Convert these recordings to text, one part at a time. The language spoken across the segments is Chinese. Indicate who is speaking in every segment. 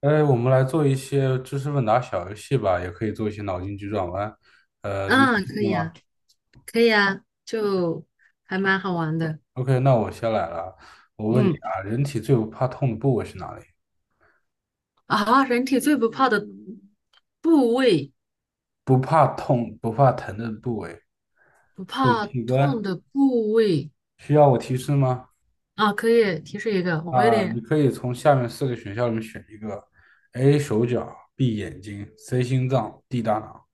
Speaker 1: 哎，我们来做一些知识问答小游戏吧，也可以做一些脑筋急转弯。你有
Speaker 2: 嗯，
Speaker 1: 兴
Speaker 2: 可
Speaker 1: 趣
Speaker 2: 以啊，
Speaker 1: 吗
Speaker 2: 可以啊，就还蛮好玩的。
Speaker 1: ？OK，那我先来了。我问你
Speaker 2: 嗯，
Speaker 1: 啊，人体最不怕痛的部位是哪里？
Speaker 2: 人体最不怕的部位，
Speaker 1: 不怕痛、不怕疼的部位，
Speaker 2: 不
Speaker 1: 滚
Speaker 2: 怕
Speaker 1: 器
Speaker 2: 痛
Speaker 1: 官。
Speaker 2: 的部位
Speaker 1: 需要我提示吗？
Speaker 2: 啊，可以提示一个，我有
Speaker 1: 啊，你
Speaker 2: 点
Speaker 1: 可以从下面四个选项里面选一个：A. 手脚，B. 眼睛，C. 心脏，D. 大脑。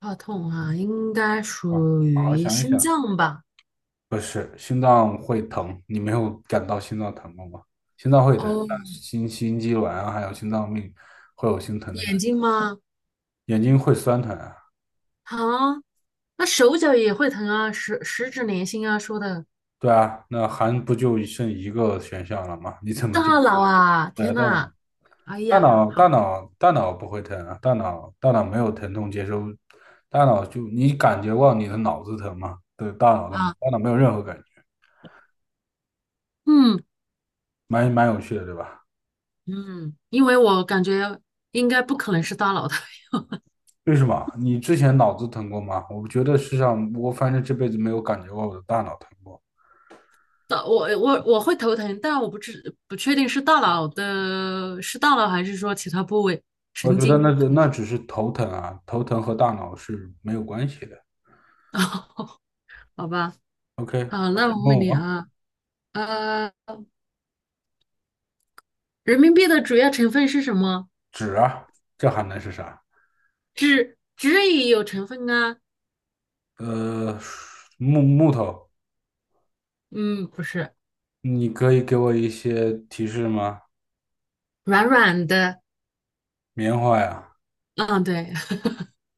Speaker 2: 怕痛啊，应该
Speaker 1: 啊，
Speaker 2: 属
Speaker 1: 好好
Speaker 2: 于
Speaker 1: 想一
Speaker 2: 心
Speaker 1: 想。
Speaker 2: 脏吧？
Speaker 1: 不是，心脏会疼，你没有感到心脏疼过吗？心脏会疼，像
Speaker 2: 哦，
Speaker 1: 心肌卵啊，还有心脏病会有心疼的
Speaker 2: 眼
Speaker 1: 感觉，
Speaker 2: 睛吗？
Speaker 1: 眼睛会酸疼啊。
Speaker 2: 啊，那手脚也会疼啊，十指连心啊，说的
Speaker 1: 对啊，那还不就剩一个选项了吗？你怎么
Speaker 2: 大
Speaker 1: 就
Speaker 2: 脑啊，
Speaker 1: 对啊
Speaker 2: 天
Speaker 1: 大脑？
Speaker 2: 呐，哎
Speaker 1: 大
Speaker 2: 呀，
Speaker 1: 脑
Speaker 2: 好
Speaker 1: 大脑大脑不会疼啊，大脑没有疼痛接收，大脑就你感觉过你的脑子疼吗？对，大脑的嘛，
Speaker 2: 啊，
Speaker 1: 大脑没有任何感觉，
Speaker 2: 嗯
Speaker 1: 蛮有趣的，对吧？
Speaker 2: 嗯，因为我感觉应该不可能是大脑的。
Speaker 1: 为什么？你之前脑子疼过吗？我觉得世上，我反正这辈子没有感觉过我的大脑疼过。
Speaker 2: 大我我我会头疼，但我不确定是大脑的，是大脑还是说其他部位
Speaker 1: 我
Speaker 2: 神
Speaker 1: 觉得
Speaker 2: 经，
Speaker 1: 那
Speaker 2: 可能
Speaker 1: 那
Speaker 2: 是。
Speaker 1: 只是头疼啊，头疼和大脑是没有关系的。
Speaker 2: 啊，好吧。
Speaker 1: OK，
Speaker 2: 好，那
Speaker 1: 你
Speaker 2: 我问
Speaker 1: 问
Speaker 2: 你
Speaker 1: 我
Speaker 2: 啊，呃，人民币的主要成分是什么？
Speaker 1: 纸啊，这还能是啥？
Speaker 2: 纸纸也有成分啊。
Speaker 1: 呃，木头，
Speaker 2: 嗯，不是，
Speaker 1: 你可以给我一些提示吗？
Speaker 2: 软软的。
Speaker 1: 棉花呀，
Speaker 2: 嗯，对。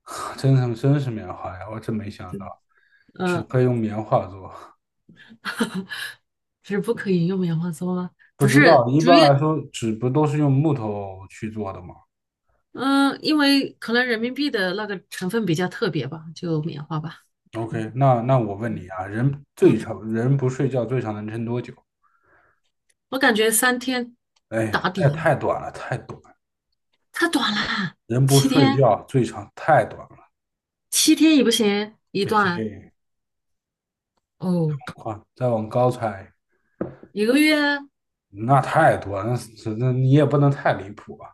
Speaker 1: 真是棉花呀，我真没想到，纸
Speaker 2: 嗯，
Speaker 1: 可以用棉花做。
Speaker 2: 纸不可以用棉花做吗？
Speaker 1: 不
Speaker 2: 不
Speaker 1: 知
Speaker 2: 是，
Speaker 1: 道，一
Speaker 2: 主要，
Speaker 1: 般来说，纸不都是用木头去做的吗？
Speaker 2: 嗯，因为可能人民币的那个成分比较特别吧，就棉花吧。嗯
Speaker 1: OK，那我问你啊，人
Speaker 2: 嗯。
Speaker 1: 最长人不睡觉最长能撑多久？
Speaker 2: 我感觉三天
Speaker 1: 哎，
Speaker 2: 打
Speaker 1: 太
Speaker 2: 底，
Speaker 1: 太短了，太短了。
Speaker 2: 太短了，
Speaker 1: 人不
Speaker 2: 七
Speaker 1: 睡
Speaker 2: 天
Speaker 1: 觉最长太短了，
Speaker 2: 七天也不行，一
Speaker 1: 这
Speaker 2: 段
Speaker 1: 些
Speaker 2: 哦，
Speaker 1: 话再往高猜，
Speaker 2: 一个月，
Speaker 1: 那太多，那是那你也不能太离谱啊。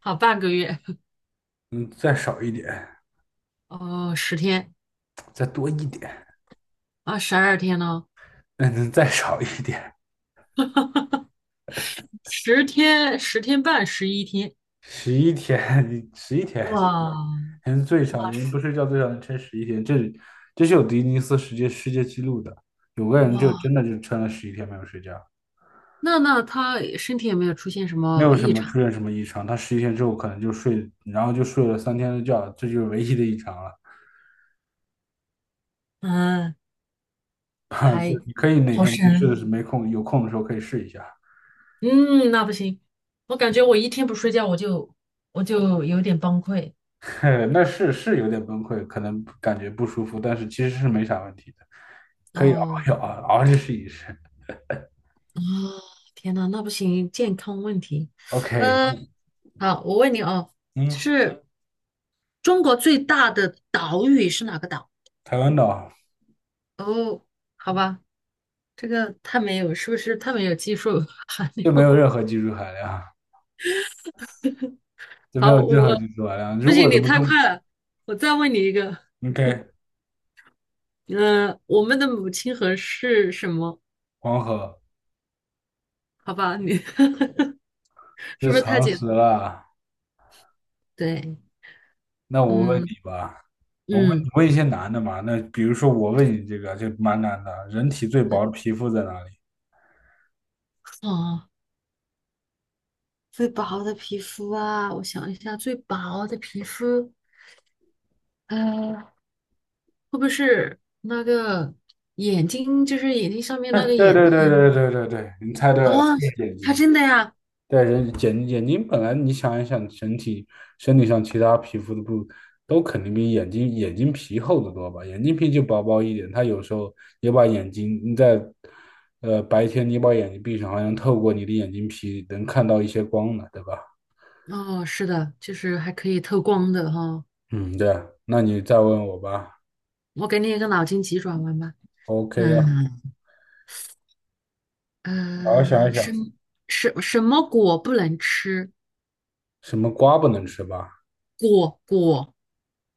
Speaker 2: 好，半个月，
Speaker 1: 嗯，再少一点，
Speaker 2: 哦，十天，
Speaker 1: 再多一点，
Speaker 2: 啊，十二天呢，
Speaker 1: 嗯，再少一点，
Speaker 2: 十一天，
Speaker 1: 十一天，你十一天，
Speaker 2: 哇，
Speaker 1: 人最长
Speaker 2: 哇，
Speaker 1: 人不睡觉最长能撑十一天，这是有吉尼斯世界纪录的，有个人就
Speaker 2: 哇，
Speaker 1: 真的就撑了十一天没有睡觉。
Speaker 2: 那那他身体有没有出现什
Speaker 1: 没
Speaker 2: 么
Speaker 1: 有什
Speaker 2: 异
Speaker 1: 么
Speaker 2: 常？
Speaker 1: 出现什么异常，他十一天之后可能就睡，然后就睡了3天的觉，这就是唯一的异常了。
Speaker 2: 嗯，
Speaker 1: 啊，就
Speaker 2: 还，
Speaker 1: 你可以哪
Speaker 2: 好
Speaker 1: 天没事的
Speaker 2: 神，
Speaker 1: 时候没空有空的时候可以试一下，
Speaker 2: 嗯，那不行，我感觉我一天不睡觉我就有点崩溃。
Speaker 1: 那是有点崩溃，可能感觉不舒服，但是其实是没啥问题的，可以熬一熬，
Speaker 2: 哦。
Speaker 1: 熬着试一试。
Speaker 2: 啊，天呐，那不行，健康问题。
Speaker 1: OK，
Speaker 2: 嗯，好，我问你哦，就
Speaker 1: 嗯，
Speaker 2: 是中国最大的岛屿是哪个岛？
Speaker 1: 台湾岛
Speaker 2: 哦，好吧，这个太没有，是不是太没有技术 含
Speaker 1: 就
Speaker 2: 量？
Speaker 1: 没有 任何技术含量，就没
Speaker 2: 好，
Speaker 1: 有任何
Speaker 2: 我，
Speaker 1: 技术含量。
Speaker 2: 不
Speaker 1: 如果
Speaker 2: 行，
Speaker 1: 怎
Speaker 2: 你
Speaker 1: 么
Speaker 2: 太
Speaker 1: 中
Speaker 2: 快了，我再问你一个。
Speaker 1: ，OK，
Speaker 2: 嗯、我们的母亲河是什么？
Speaker 1: 黄河
Speaker 2: 好吧，你 是
Speaker 1: 就
Speaker 2: 不是太
Speaker 1: 常
Speaker 2: 简
Speaker 1: 识
Speaker 2: 单？
Speaker 1: 了。
Speaker 2: 对，
Speaker 1: 那我问
Speaker 2: 嗯
Speaker 1: 你吧，我问
Speaker 2: 嗯，
Speaker 1: 你问一些难的嘛。那比如说我问你这个就蛮难的，人体最薄的皮肤在哪里？
Speaker 2: 哦，最薄的皮肤啊，我想一下，最薄的皮肤。嗯，会不会是那个眼睛，就是眼睛上 面
Speaker 1: 哎，
Speaker 2: 那个
Speaker 1: 对
Speaker 2: 眼
Speaker 1: 对
Speaker 2: 袋？
Speaker 1: 对对对对对，你猜对
Speaker 2: 啊？
Speaker 1: 了，就是眼
Speaker 2: 它
Speaker 1: 睛。
Speaker 2: 真的呀？
Speaker 1: 对，眼睛本来你想一想，身体上其他皮肤的部都肯定比眼睛皮厚得多吧？眼睛皮就薄薄一点，它有时候也把眼睛你在白天你把眼睛闭上，好像透过你的眼睛皮能看到一些光呢，对吧？
Speaker 2: 哦，是的，就是还可以透光的哈。
Speaker 1: 嗯，对啊，那你再问我吧。
Speaker 2: 我给你一个脑筋急转弯吧。
Speaker 1: OK
Speaker 2: 嗯，
Speaker 1: 啊，好好想
Speaker 2: 呃，
Speaker 1: 一
Speaker 2: 什
Speaker 1: 想，
Speaker 2: 什什么果不能吃？
Speaker 1: 什么瓜不能吃吧？
Speaker 2: 果，果，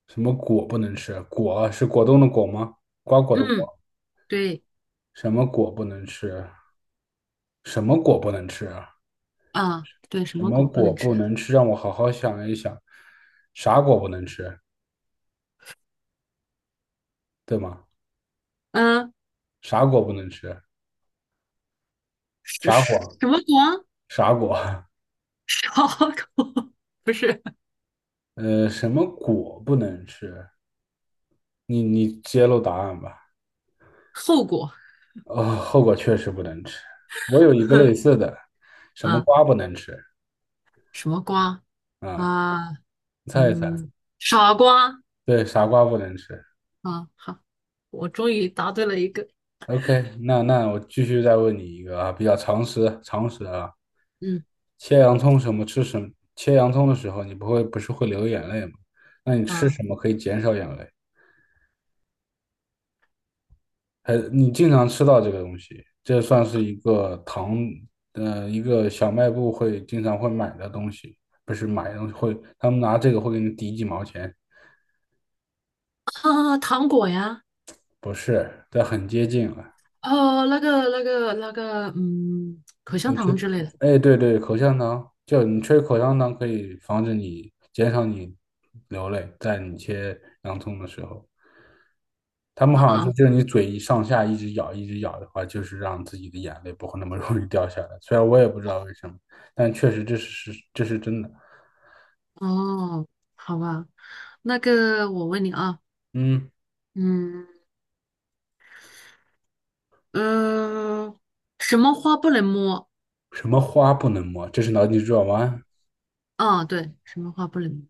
Speaker 1: 什么果不能吃？果是果冻的果吗？瓜果的果。
Speaker 2: 嗯，对
Speaker 1: 什么果不能吃？什么果不能吃啊？
Speaker 2: 啊，对，什
Speaker 1: 什
Speaker 2: 么
Speaker 1: 么
Speaker 2: 果不
Speaker 1: 果
Speaker 2: 能
Speaker 1: 不
Speaker 2: 吃？
Speaker 1: 能吃？让我好好想一想，啥果不能吃？对吗？
Speaker 2: 嗯，
Speaker 1: 啥果不能吃？啥果？
Speaker 2: 什么果？
Speaker 1: 啥果？
Speaker 2: 啥果？不是，
Speaker 1: 什么果不能吃？你揭露答案吧。
Speaker 2: 后果。
Speaker 1: 哦，后果确实不能吃。我有一个类 似的，什么
Speaker 2: 啊？
Speaker 1: 瓜不能吃
Speaker 2: 什么瓜？
Speaker 1: 啊？
Speaker 2: 啊？
Speaker 1: 你猜一猜。
Speaker 2: 嗯，傻瓜，
Speaker 1: 对，傻瓜不能吃。
Speaker 2: 啊，好，我终于答对了一个，
Speaker 1: OK，那我继续再问你一个啊，比较常识啊，
Speaker 2: 嗯，
Speaker 1: 切洋葱什么吃什么切洋葱的时候，你不会不是会流眼泪吗？那你吃
Speaker 2: 啊
Speaker 1: 什么可以减少眼泪？还你经常吃到这个东西，这算是一个糖，一个小卖部会经常会买的东西，不是买的东西会，他们拿这个会给你抵几毛钱，
Speaker 2: 啊，糖果呀，
Speaker 1: 不是，这很接近了。
Speaker 2: 哦，那个，嗯，口香
Speaker 1: 对，吹，
Speaker 2: 糖之类的，
Speaker 1: 哎，对对，口香糖，就你吹口香糖可以防止你减少你流泪，在你切洋葱的时候，他们
Speaker 2: 啊，
Speaker 1: 好像说，
Speaker 2: 啊，
Speaker 1: 就是你嘴一上下一直咬，一直咬的话，就是让自己的眼泪不会那么 容易掉下来。虽然我也不知道为什么，但确实这是真的。
Speaker 2: 哦，好吧，那个我问你啊，
Speaker 1: 嗯，
Speaker 2: 嗯，呃，什么花不能摸？
Speaker 1: 什么花不能摸？这是脑筋急转弯。
Speaker 2: 啊，对，什么花不能摸？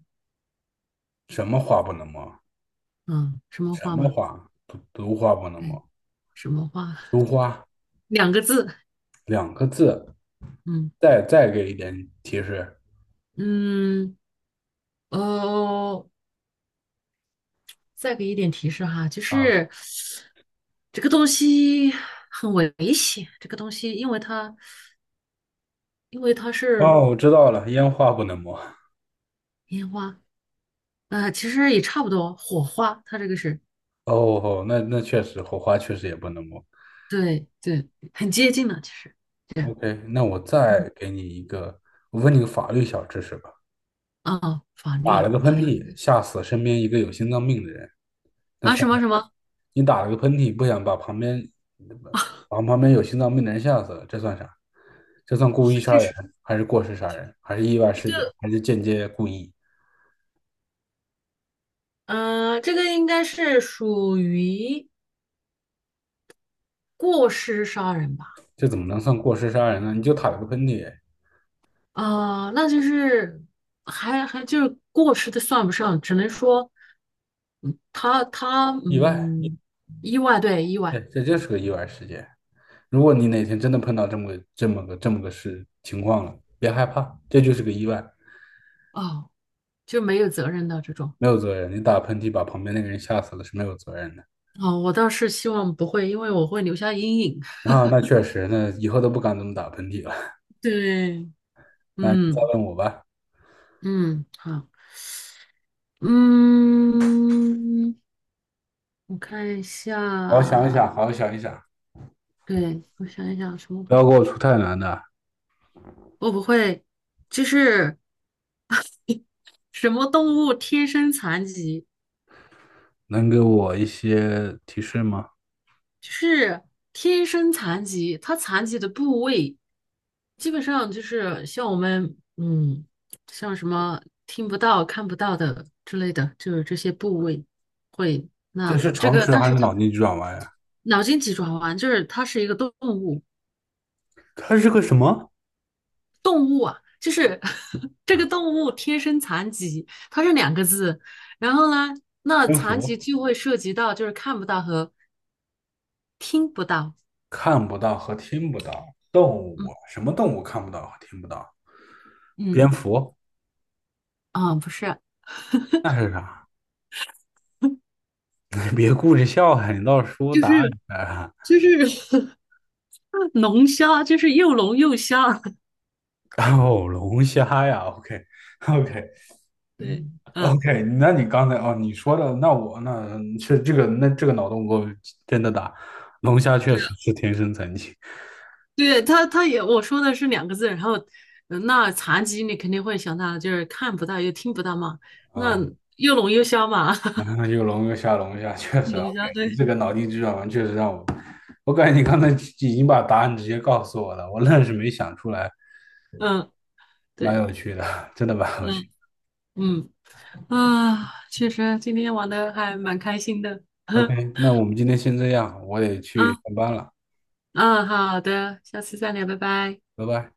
Speaker 1: 什么花不能摸？
Speaker 2: 嗯，什么
Speaker 1: 什
Speaker 2: 花
Speaker 1: 么
Speaker 2: 嘛？
Speaker 1: 花？毒花不能
Speaker 2: 对，
Speaker 1: 摸。
Speaker 2: 什么花？
Speaker 1: 毒花
Speaker 2: 两个字，
Speaker 1: 2个字，
Speaker 2: 嗯
Speaker 1: 再给一点提示。
Speaker 2: 嗯，哦。再给一点提示哈，就
Speaker 1: 啊。
Speaker 2: 是这个东西很危险。这个东西，因为它是
Speaker 1: 哦，我知道了，烟花不能摸。
Speaker 2: 烟花，呃，其实也差不多，火花，它这个是，
Speaker 1: 哦，哦那那确实，火花确实也不能摸。
Speaker 2: 对对，很接近的，其实对，
Speaker 1: OK，那我
Speaker 2: 嗯，
Speaker 1: 再给你一个，我问你个法律小知识吧。
Speaker 2: 啊，法律
Speaker 1: 打了
Speaker 2: 啊，
Speaker 1: 个喷
Speaker 2: 法律
Speaker 1: 嚏，吓死身边一个有心脏病的人，那
Speaker 2: 啊，什
Speaker 1: 算啥？
Speaker 2: 么什么，
Speaker 1: 你打了个喷嚏，不想把旁边把旁边有心脏病的人吓死了，这算啥？这算故意
Speaker 2: 这
Speaker 1: 杀人，
Speaker 2: 是，
Speaker 1: 还是过失杀人，还是意外事件，还是间接故意？
Speaker 2: 呃，这个应该是属于过失杀人吧？
Speaker 1: 这怎么能算过失杀人呢？你就打了个喷嚏，
Speaker 2: 啊，那就是还，还就是过失的算不上，只能说，嗯，他他，
Speaker 1: 意外。
Speaker 2: 嗯，意外，对，意
Speaker 1: 哎，
Speaker 2: 外，
Speaker 1: 这就是个意外事件。如果你哪天真的碰到这么个事情况了，别害怕，这就是个意外，
Speaker 2: 哦，就没有责任的这种，
Speaker 1: 没有责任。你打喷嚏把旁边那个人吓死了是没有责任的。
Speaker 2: 哦，我倒是希望不会，因为我会留下阴影。
Speaker 1: 啊，那确实，那以后都不敢这么打喷嚏了。
Speaker 2: 对，
Speaker 1: 那你再
Speaker 2: 嗯
Speaker 1: 问我吧，
Speaker 2: 嗯，好，嗯，我看一
Speaker 1: 好好想一想，
Speaker 2: 下，
Speaker 1: 好好想一想，
Speaker 2: 对，我想一想什么
Speaker 1: 不
Speaker 2: 动物，
Speaker 1: 要给我出太难的，
Speaker 2: 我不会，就是什么动物天生残疾。
Speaker 1: 能给我一些提示吗？
Speaker 2: 就是天生残疾，它残疾的部位基本上就是像我们，嗯，像什么听不到、看不到的之类的，就是这些部位会。
Speaker 1: 这
Speaker 2: 那
Speaker 1: 是
Speaker 2: 这
Speaker 1: 常
Speaker 2: 个，
Speaker 1: 识
Speaker 2: 但
Speaker 1: 还
Speaker 2: 是
Speaker 1: 是
Speaker 2: 它，
Speaker 1: 脑筋急转弯呀？
Speaker 2: 脑筋急转弯，就是它是一个动物，
Speaker 1: 它是个什么？
Speaker 2: 就是 这个动物天生残疾，它是两个字。然后呢，那
Speaker 1: 蝙
Speaker 2: 残疾
Speaker 1: 蝠
Speaker 2: 就会涉及到就是看不到和听不到。
Speaker 1: 看不到和听不到，动物
Speaker 2: 嗯
Speaker 1: 什么动物看不到和听不到？蝙
Speaker 2: 嗯，
Speaker 1: 蝠。
Speaker 2: 啊，不是，
Speaker 1: 那是啥？你别顾着笑哈，你倒是说
Speaker 2: 就
Speaker 1: 答
Speaker 2: 是
Speaker 1: 案啊！
Speaker 2: 就是。龙虾，就是又龙又虾，
Speaker 1: 哦，龙虾呀，OK
Speaker 2: 对，嗯，
Speaker 1: OK，那你刚才哦，你说的，那我那是这个那这个脑洞给我真的大，龙虾确
Speaker 2: 对啊，
Speaker 1: 实是天生残疾
Speaker 2: 对，他他也，我说的是两个字，然后，呃，那残疾你肯定会想到就是看不到又听不到嘛，那
Speaker 1: 啊，
Speaker 2: 又聋又瞎嘛，
Speaker 1: 啊又龙又虾龙虾，确 实 OK，
Speaker 2: 龙虾，
Speaker 1: 你
Speaker 2: 对，
Speaker 1: 这个脑筋急转弯确实让我，我感觉你刚才已经把答案直接告诉我了，我愣是没想出来，
Speaker 2: 嗯，
Speaker 1: 蛮
Speaker 2: 对，
Speaker 1: 有趣的，真的蛮有趣。
Speaker 2: 嗯嗯，啊，确实今天玩的还蛮开心的，
Speaker 1: OK，那我们今天先这样，我得去
Speaker 2: 嗯，
Speaker 1: 上班了，
Speaker 2: 啊，好的，下次再聊，拜拜。
Speaker 1: 拜拜。